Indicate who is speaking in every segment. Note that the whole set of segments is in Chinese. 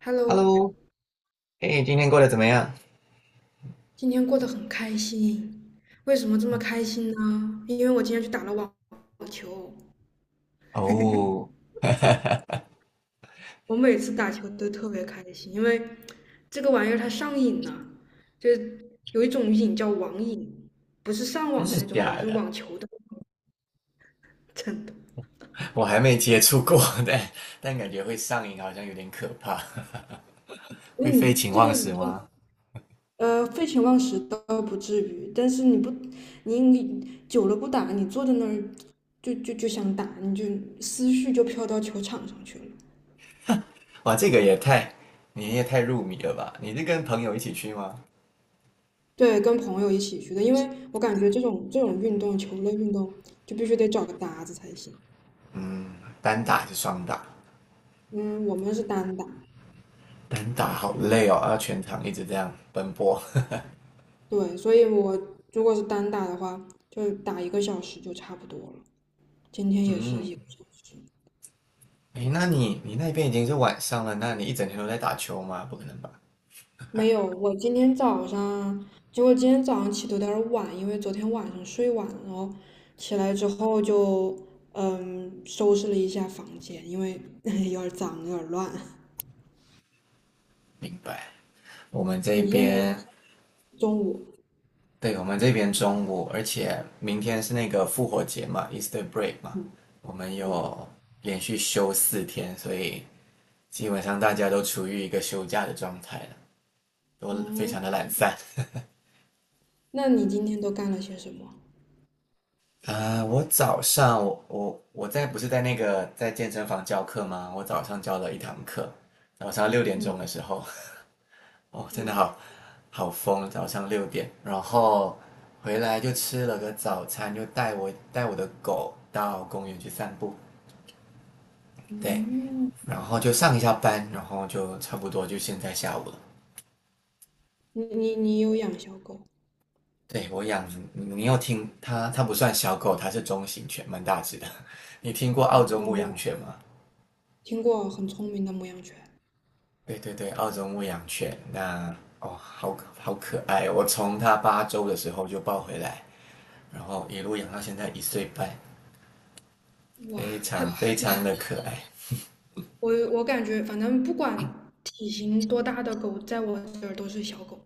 Speaker 1: Hello，
Speaker 2: Hello，哎，今天过得怎么样？
Speaker 1: 今天过得很开心。为什么这么开心呢？因为我今天去打了网球。
Speaker 2: 哦，
Speaker 1: 我每次打球都特别开心，因为这个玩意儿它上瘾呢，就是有一种瘾叫网瘾，不是上
Speaker 2: 真
Speaker 1: 网的
Speaker 2: 的
Speaker 1: 那种瘾，
Speaker 2: 假
Speaker 1: 是网
Speaker 2: 的？
Speaker 1: 球的。真的？
Speaker 2: 我还没接触过，但感觉会上瘾，好像有点可怕。会废
Speaker 1: 嗯，
Speaker 2: 寝
Speaker 1: 这
Speaker 2: 忘
Speaker 1: 个
Speaker 2: 食
Speaker 1: 就
Speaker 2: 吗？
Speaker 1: 废寝忘食倒不至于，但是你久了不打，你坐在那儿就想打，你就思绪就飘到球场上去了。
Speaker 2: 哇，这个也太，你也太入迷了吧？你是跟朋友一起去吗？
Speaker 1: 对，跟朋友一起去的，因为我感觉这种运动，球类运动就必须得找个搭子才行。
Speaker 2: 嗯，单打还是双打？
Speaker 1: 嗯，我们是单打。
Speaker 2: 单打好累哦，要全场一直这样奔波。
Speaker 1: 对，所以我如果是单打的话，就打一个小时就差不多了。今天 也是
Speaker 2: 嗯，
Speaker 1: 一个小时。
Speaker 2: 诶，那你那边已经是晚上了，那你一整天都在打球吗？不可能吧？
Speaker 1: 没有，我今天早上，结果今天早上起的有点儿晚，因为昨天晚上睡晚了哦，然后起来之后就收拾了一下房间，因为 有点儿脏，有点儿乱。
Speaker 2: 明白。我们这
Speaker 1: 你现在
Speaker 2: 边
Speaker 1: 中午。
Speaker 2: 对，我们这边中午，而且明天是那个复活节嘛，Easter break 嘛，
Speaker 1: 嗯
Speaker 2: 我们
Speaker 1: 嗯
Speaker 2: 有连续休4天，所以基本上大家都处于一个休假的状态了，都非
Speaker 1: 哦。
Speaker 2: 常的懒散。
Speaker 1: 那你今天都干了些什么？
Speaker 2: 啊、我早上我在不是在那个在健身房教课吗？我早上教了一堂课，早上六点
Speaker 1: 嗯
Speaker 2: 钟的时候，哦，真的
Speaker 1: 嗯
Speaker 2: 好好疯，早上六点，然后回来就吃了个早餐，就带我的狗到公园去散步。对，
Speaker 1: 嗯，
Speaker 2: 然后就上一下班，然后就差不多就现在下午了。
Speaker 1: 你有养小狗？
Speaker 2: 对我养，你有听它？它不算小狗，它是中型犬，蛮大只的。你听过澳
Speaker 1: 哦，
Speaker 2: 洲
Speaker 1: 对，
Speaker 2: 牧
Speaker 1: 没
Speaker 2: 羊
Speaker 1: 有
Speaker 2: 犬吗？
Speaker 1: 听过很聪明的牧羊犬。
Speaker 2: 对对对，澳洲牧羊犬，哦，好好可爱哦我从它8周的时候就抱回来，然后一路养到现在一岁半，
Speaker 1: 哇，
Speaker 2: 非
Speaker 1: 它，
Speaker 2: 常
Speaker 1: 它
Speaker 2: 非常的可爱。
Speaker 1: 我感觉反正不管体型多大的狗，在我这儿都是小狗。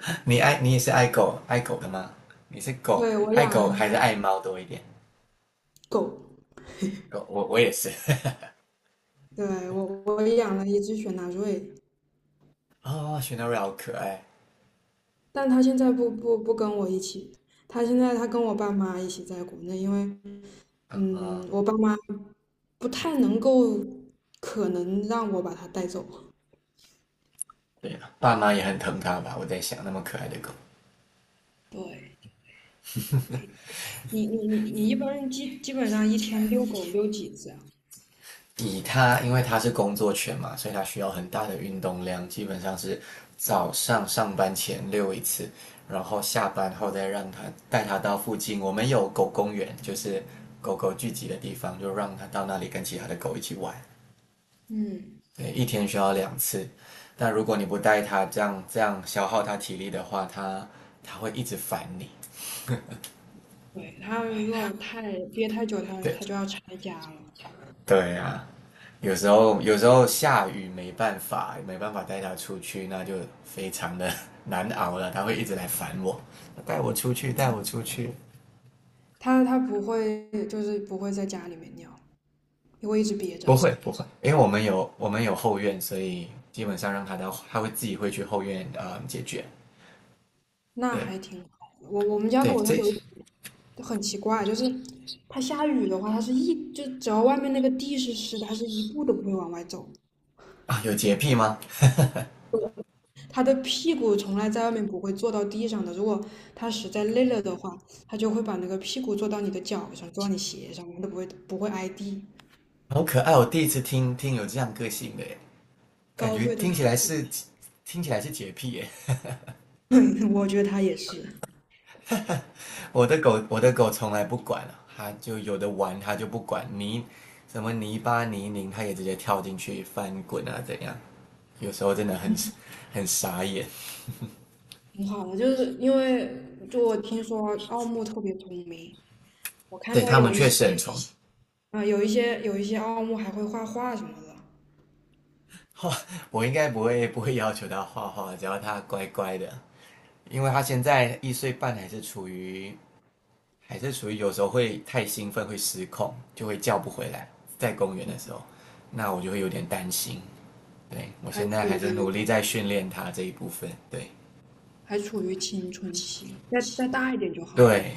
Speaker 2: 你爱你也是爱狗的吗？你是狗
Speaker 1: 对，我
Speaker 2: 爱狗还是
Speaker 1: 养
Speaker 2: 爱猫多一点？
Speaker 1: 狗。
Speaker 2: 狗我也是。
Speaker 1: 对，我养了一只雪纳瑞，
Speaker 2: 哦，雪纳瑞好可爱。
Speaker 1: 但它现在不跟我一起，它现在它跟我爸妈一起在国内，因为
Speaker 2: 啊，
Speaker 1: 我爸妈不太能够，可能让我把它带走。
Speaker 2: 对了，爸妈也很疼它吧？我在想，那么可爱的狗，
Speaker 1: 对。没错。你一般人基本上一天遛狗遛几次啊？
Speaker 2: 以它，因为它是工作犬嘛，所以它需要很大的运动量，基本上是早上上班前遛一次，然后下班后再让它带它到附近，我们有狗公园，就是狗狗聚集的地方，就让它到那里跟其他的狗一起玩。
Speaker 1: 嗯，
Speaker 2: 对，一天需要2次，但如果你不带它，这样消耗它体力的话，它会一直烦你。
Speaker 1: 对，它如果太憋太久，它
Speaker 2: 对，
Speaker 1: 它就要拆家了。
Speaker 2: 对呀、有时候下雨没办法，没办法带它出去，那就非常的 难熬了。它会一直来烦我，带我出去，带我出去。
Speaker 1: 它不会，就是不会在家里面尿，因为一直憋着。
Speaker 2: 不会不会，因为我们有后院，所以基本上让它到，它会自己会去后院啊解决。
Speaker 1: 那
Speaker 2: 对
Speaker 1: 还挺好的。我们家
Speaker 2: 对，
Speaker 1: 狗它
Speaker 2: 这
Speaker 1: 很奇怪，就是它下雨的话，它是一就只要外面那个地是湿的，它是一步都不会往外走。
Speaker 2: 啊有洁癖吗？
Speaker 1: 它的屁股从来在外面不会坐到地上的。如果它实在累了的话，它就会把那个屁股坐到你的脚上，坐到你鞋上，它都不会挨地。
Speaker 2: 好可爱，我第一次听有这样个性的耶，感
Speaker 1: 高
Speaker 2: 觉
Speaker 1: 贵的
Speaker 2: 听起
Speaker 1: 屁
Speaker 2: 来
Speaker 1: 股。
Speaker 2: 是听起来是洁癖耶。
Speaker 1: 我觉得它也是
Speaker 2: 我的狗从来不管了，它就有的玩，它就不管泥什么泥巴泥泞，它也直接跳进去翻滚啊，怎样？有时候真的很傻眼。
Speaker 1: 挺好的，就是因为就我听说奥牧特别聪明，我看
Speaker 2: 对
Speaker 1: 到
Speaker 2: 他们
Speaker 1: 有一
Speaker 2: 确
Speaker 1: 些
Speaker 2: 实很宠，
Speaker 1: 啊、呃有一些有一些奥牧还会画画什么的。
Speaker 2: 画，我应该不会要求它画画，只要它乖乖的，因为它现在一岁半，还是处于有时候会太兴奋会失控，就会叫不回来，在公园的时候，那我就会有点担心。对我
Speaker 1: 还
Speaker 2: 现在还
Speaker 1: 处
Speaker 2: 是努
Speaker 1: 于
Speaker 2: 力在训练它这一部分，对。
Speaker 1: 还处于青春期，再大一点就好了。
Speaker 2: 对，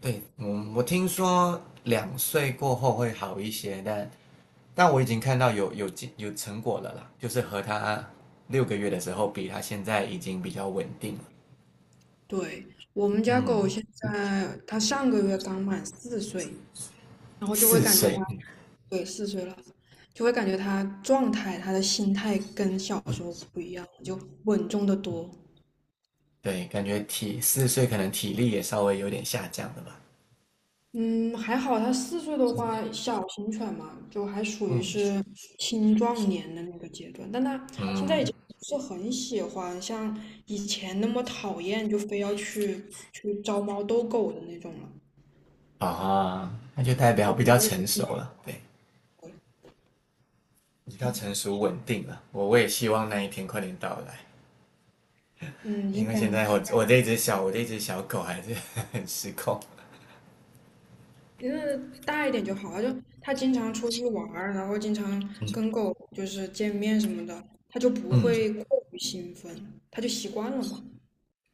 Speaker 2: 对，嗯，我听说2岁过后会好一些，但我已经看到有成果了啦，就是和他6个月的时候比，他现在已经比较稳定了。
Speaker 1: 对，我们家狗
Speaker 2: 嗯，
Speaker 1: 现在它上个月刚满四岁，然后就会
Speaker 2: 四
Speaker 1: 感觉他。
Speaker 2: 岁，
Speaker 1: 对，四岁了，就会感觉他状态、他的心态跟小时候不一样，就稳重的多。
Speaker 2: 对，感觉体四岁可能体力也稍微有点下降了吧。
Speaker 1: 嗯，还好他四岁的话，小型犬嘛，就还属于
Speaker 2: 嗯
Speaker 1: 是青壮年的那个阶段，但他现在已
Speaker 2: 嗯
Speaker 1: 经不是很喜欢像以前那么讨厌，就非要去招猫逗狗的那种了，
Speaker 2: 啊，那就代表
Speaker 1: 会
Speaker 2: 比
Speaker 1: 比较
Speaker 2: 较
Speaker 1: 有。
Speaker 2: 成熟了，对，比较成熟稳定了。我也希望那一天快点到来。
Speaker 1: 嗯，
Speaker 2: 因
Speaker 1: 应
Speaker 2: 为
Speaker 1: 该。
Speaker 2: 现在我这只小狗还是 很失控。
Speaker 1: 因为大一点就好了，就他经常出去玩儿，然后经常跟狗就是见面什么的，他就不
Speaker 2: 嗯，
Speaker 1: 会过于兴奋，他就习惯了嘛。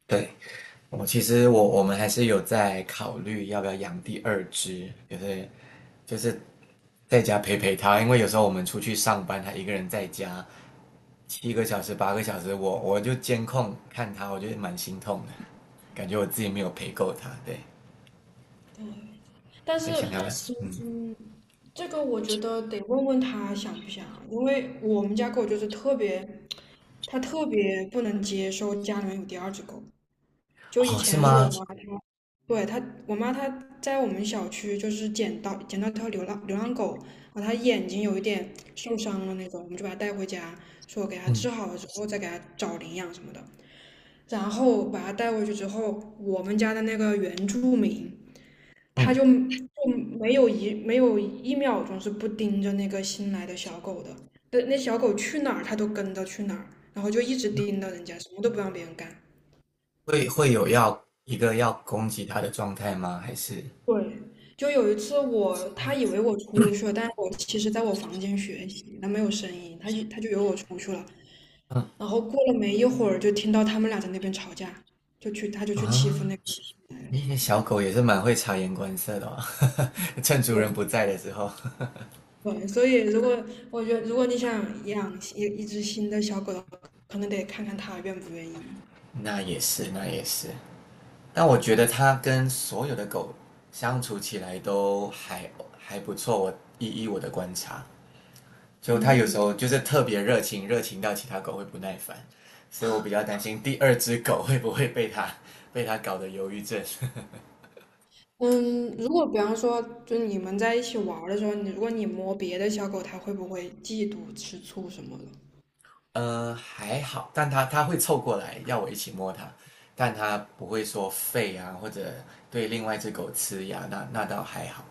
Speaker 2: 对，我其实我们还是有在考虑要不要养第二只，就是在家陪陪它，因为有时候我们出去上班，它一个人在家7个小时8个小时，我就监控看它，我觉得蛮心痛的，感觉我自己没有陪够它。对，
Speaker 1: 对，但
Speaker 2: 在想
Speaker 1: 是，
Speaker 2: 要嗯
Speaker 1: 嗯，这个我觉得得问问他想不想，因为我们家狗就是特别，它特别不能接受家里面有第二只狗。就以
Speaker 2: 哦是
Speaker 1: 前
Speaker 2: 吗？
Speaker 1: 我妈。对，他，我妈她在我们小区就是捡到条流浪狗，然后它眼睛有一点受伤了那种，我们就把它带回家，说给它
Speaker 2: 嗯
Speaker 1: 治好了之后再给它找领养什么的。然后把它带回去之后，我们家的那个原住民他
Speaker 2: 嗯，
Speaker 1: 就没有一秒钟是不盯着那个新来的小狗的，那小狗去哪儿他都跟着去哪儿，然后就一直盯着人家，什么都不让别人干。
Speaker 2: 会有要一个要攻击它的状态吗？还是
Speaker 1: 对，就有一次我，他以为我出去了，但是我其实在我房间学习，他没有声音，他就以为我出去了。
Speaker 2: 嗯
Speaker 1: 然后过了没一会儿，就听到他们俩在那边吵架，他就去欺负
Speaker 2: 啊，
Speaker 1: 那个新的。
Speaker 2: 那个小狗也是蛮会察言观色的哦，趁主人不在的时候。
Speaker 1: 对对，所以如果我觉得如果你想养一只新的小狗的话，可能得看看它愿不愿意。
Speaker 2: 那也是，那也是。但我觉得它跟所有的狗相处起来都还不错。我依我的观察，就它有时
Speaker 1: 嗯
Speaker 2: 候就是特别热情，热情到其他狗会不耐烦，所以我比较担心第二只狗会不会被它搞得忧郁症。
Speaker 1: 嗯，如果比方说，就你们在一起玩儿的时候，如果你摸别的小狗，它会不会嫉妒、吃醋什么的？
Speaker 2: 还好，但它会凑过来要我一起摸它，但它不会说吠啊，或者对另外一只狗呲牙，那倒还好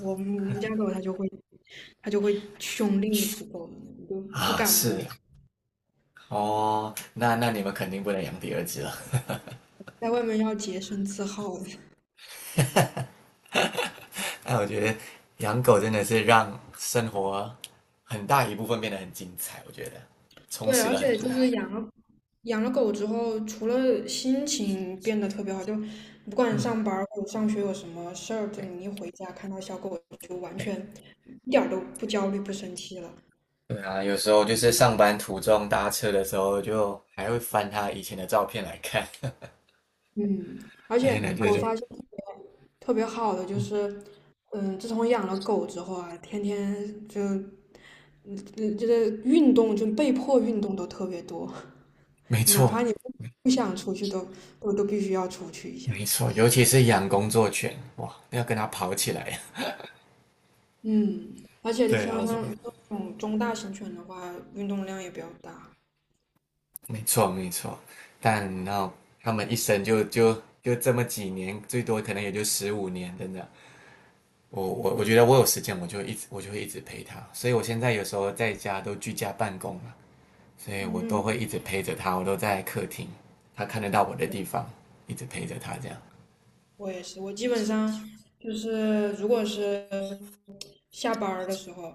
Speaker 1: 我们家狗它就会。它就会去凶另一只狗的，你就不
Speaker 2: 啊。
Speaker 1: 敢摸。
Speaker 2: 是哦，那你们肯定不能养第二只了。
Speaker 1: 在外面要洁身自好的。
Speaker 2: 那我觉得养狗真的是让生活很大一部分变得很精彩，我觉得充
Speaker 1: 对，
Speaker 2: 实
Speaker 1: 而
Speaker 2: 了很
Speaker 1: 且
Speaker 2: 多。
Speaker 1: 就是养了狗之后，除了心情变得特别好，就不管
Speaker 2: 嗯，
Speaker 1: 上班儿或者上学有什么事儿，就你一
Speaker 2: 对
Speaker 1: 回家看到小狗，就完
Speaker 2: 对
Speaker 1: 全一点儿都不焦虑、不生气了。
Speaker 2: 对啊，有时候就是上班途中搭车的时候，就还会翻他以前的照片来看，
Speaker 1: 嗯，而
Speaker 2: 而且
Speaker 1: 且
Speaker 2: 呢，就
Speaker 1: 我
Speaker 2: 是
Speaker 1: 发现特别特别好的就是，嗯，自从养了狗之后啊，天天就嗯，嗯就是运动，就被迫运动都特别多。
Speaker 2: 没
Speaker 1: 哪
Speaker 2: 错，
Speaker 1: 怕你不想出去都都必须要出去一下。
Speaker 2: 没错，尤其是养工作犬，哇，要跟它跑起来。
Speaker 1: 嗯，而 且
Speaker 2: 对啊，
Speaker 1: 像
Speaker 2: 我
Speaker 1: 像像这种中大型犬的话，运动量也比较大。
Speaker 2: 没错没错。但然后他们一生就这么几年，最多可能也就15年，真的。我觉得我有时间，我就会一直陪它。所以我现在有时候在家都居家办公嘛，所以我
Speaker 1: 嗯，
Speaker 2: 都会一直陪着它，我都在客厅，它看得到我的地方，一直陪着它这样。
Speaker 1: 我也是，我基本上就是如果是下班儿的时候，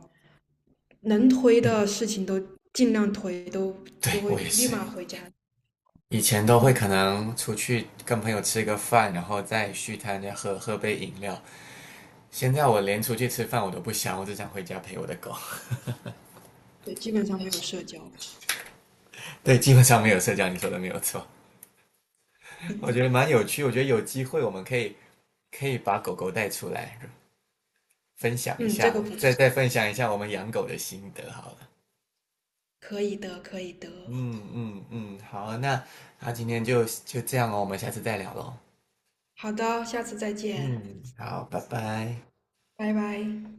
Speaker 1: 能推
Speaker 2: 嗯，
Speaker 1: 的事情都尽量推，
Speaker 2: 对
Speaker 1: 就会
Speaker 2: 我也
Speaker 1: 立
Speaker 2: 是。
Speaker 1: 马回家。
Speaker 2: 以前都会可能出去跟朋友吃个饭，然后再去他再喝喝杯饮料。现在我连出去吃饭我都不想，我只想回家陪我的狗。
Speaker 1: 对，基本上没有社交。
Speaker 2: 对，基本上没有社交，你说的没有错。我觉得蛮有趣，我觉得有机会我们可以把狗狗带出来，分享一
Speaker 1: 嗯，这
Speaker 2: 下，
Speaker 1: 个不
Speaker 2: 再
Speaker 1: 错，
Speaker 2: 再分享一下我们养狗的心得好了。
Speaker 1: 可以的，可以的。
Speaker 2: 嗯嗯嗯，好，那今天就这样哦，我们下次再聊喽。
Speaker 1: 好的，下次再见，
Speaker 2: 嗯，好，拜拜。
Speaker 1: 拜拜。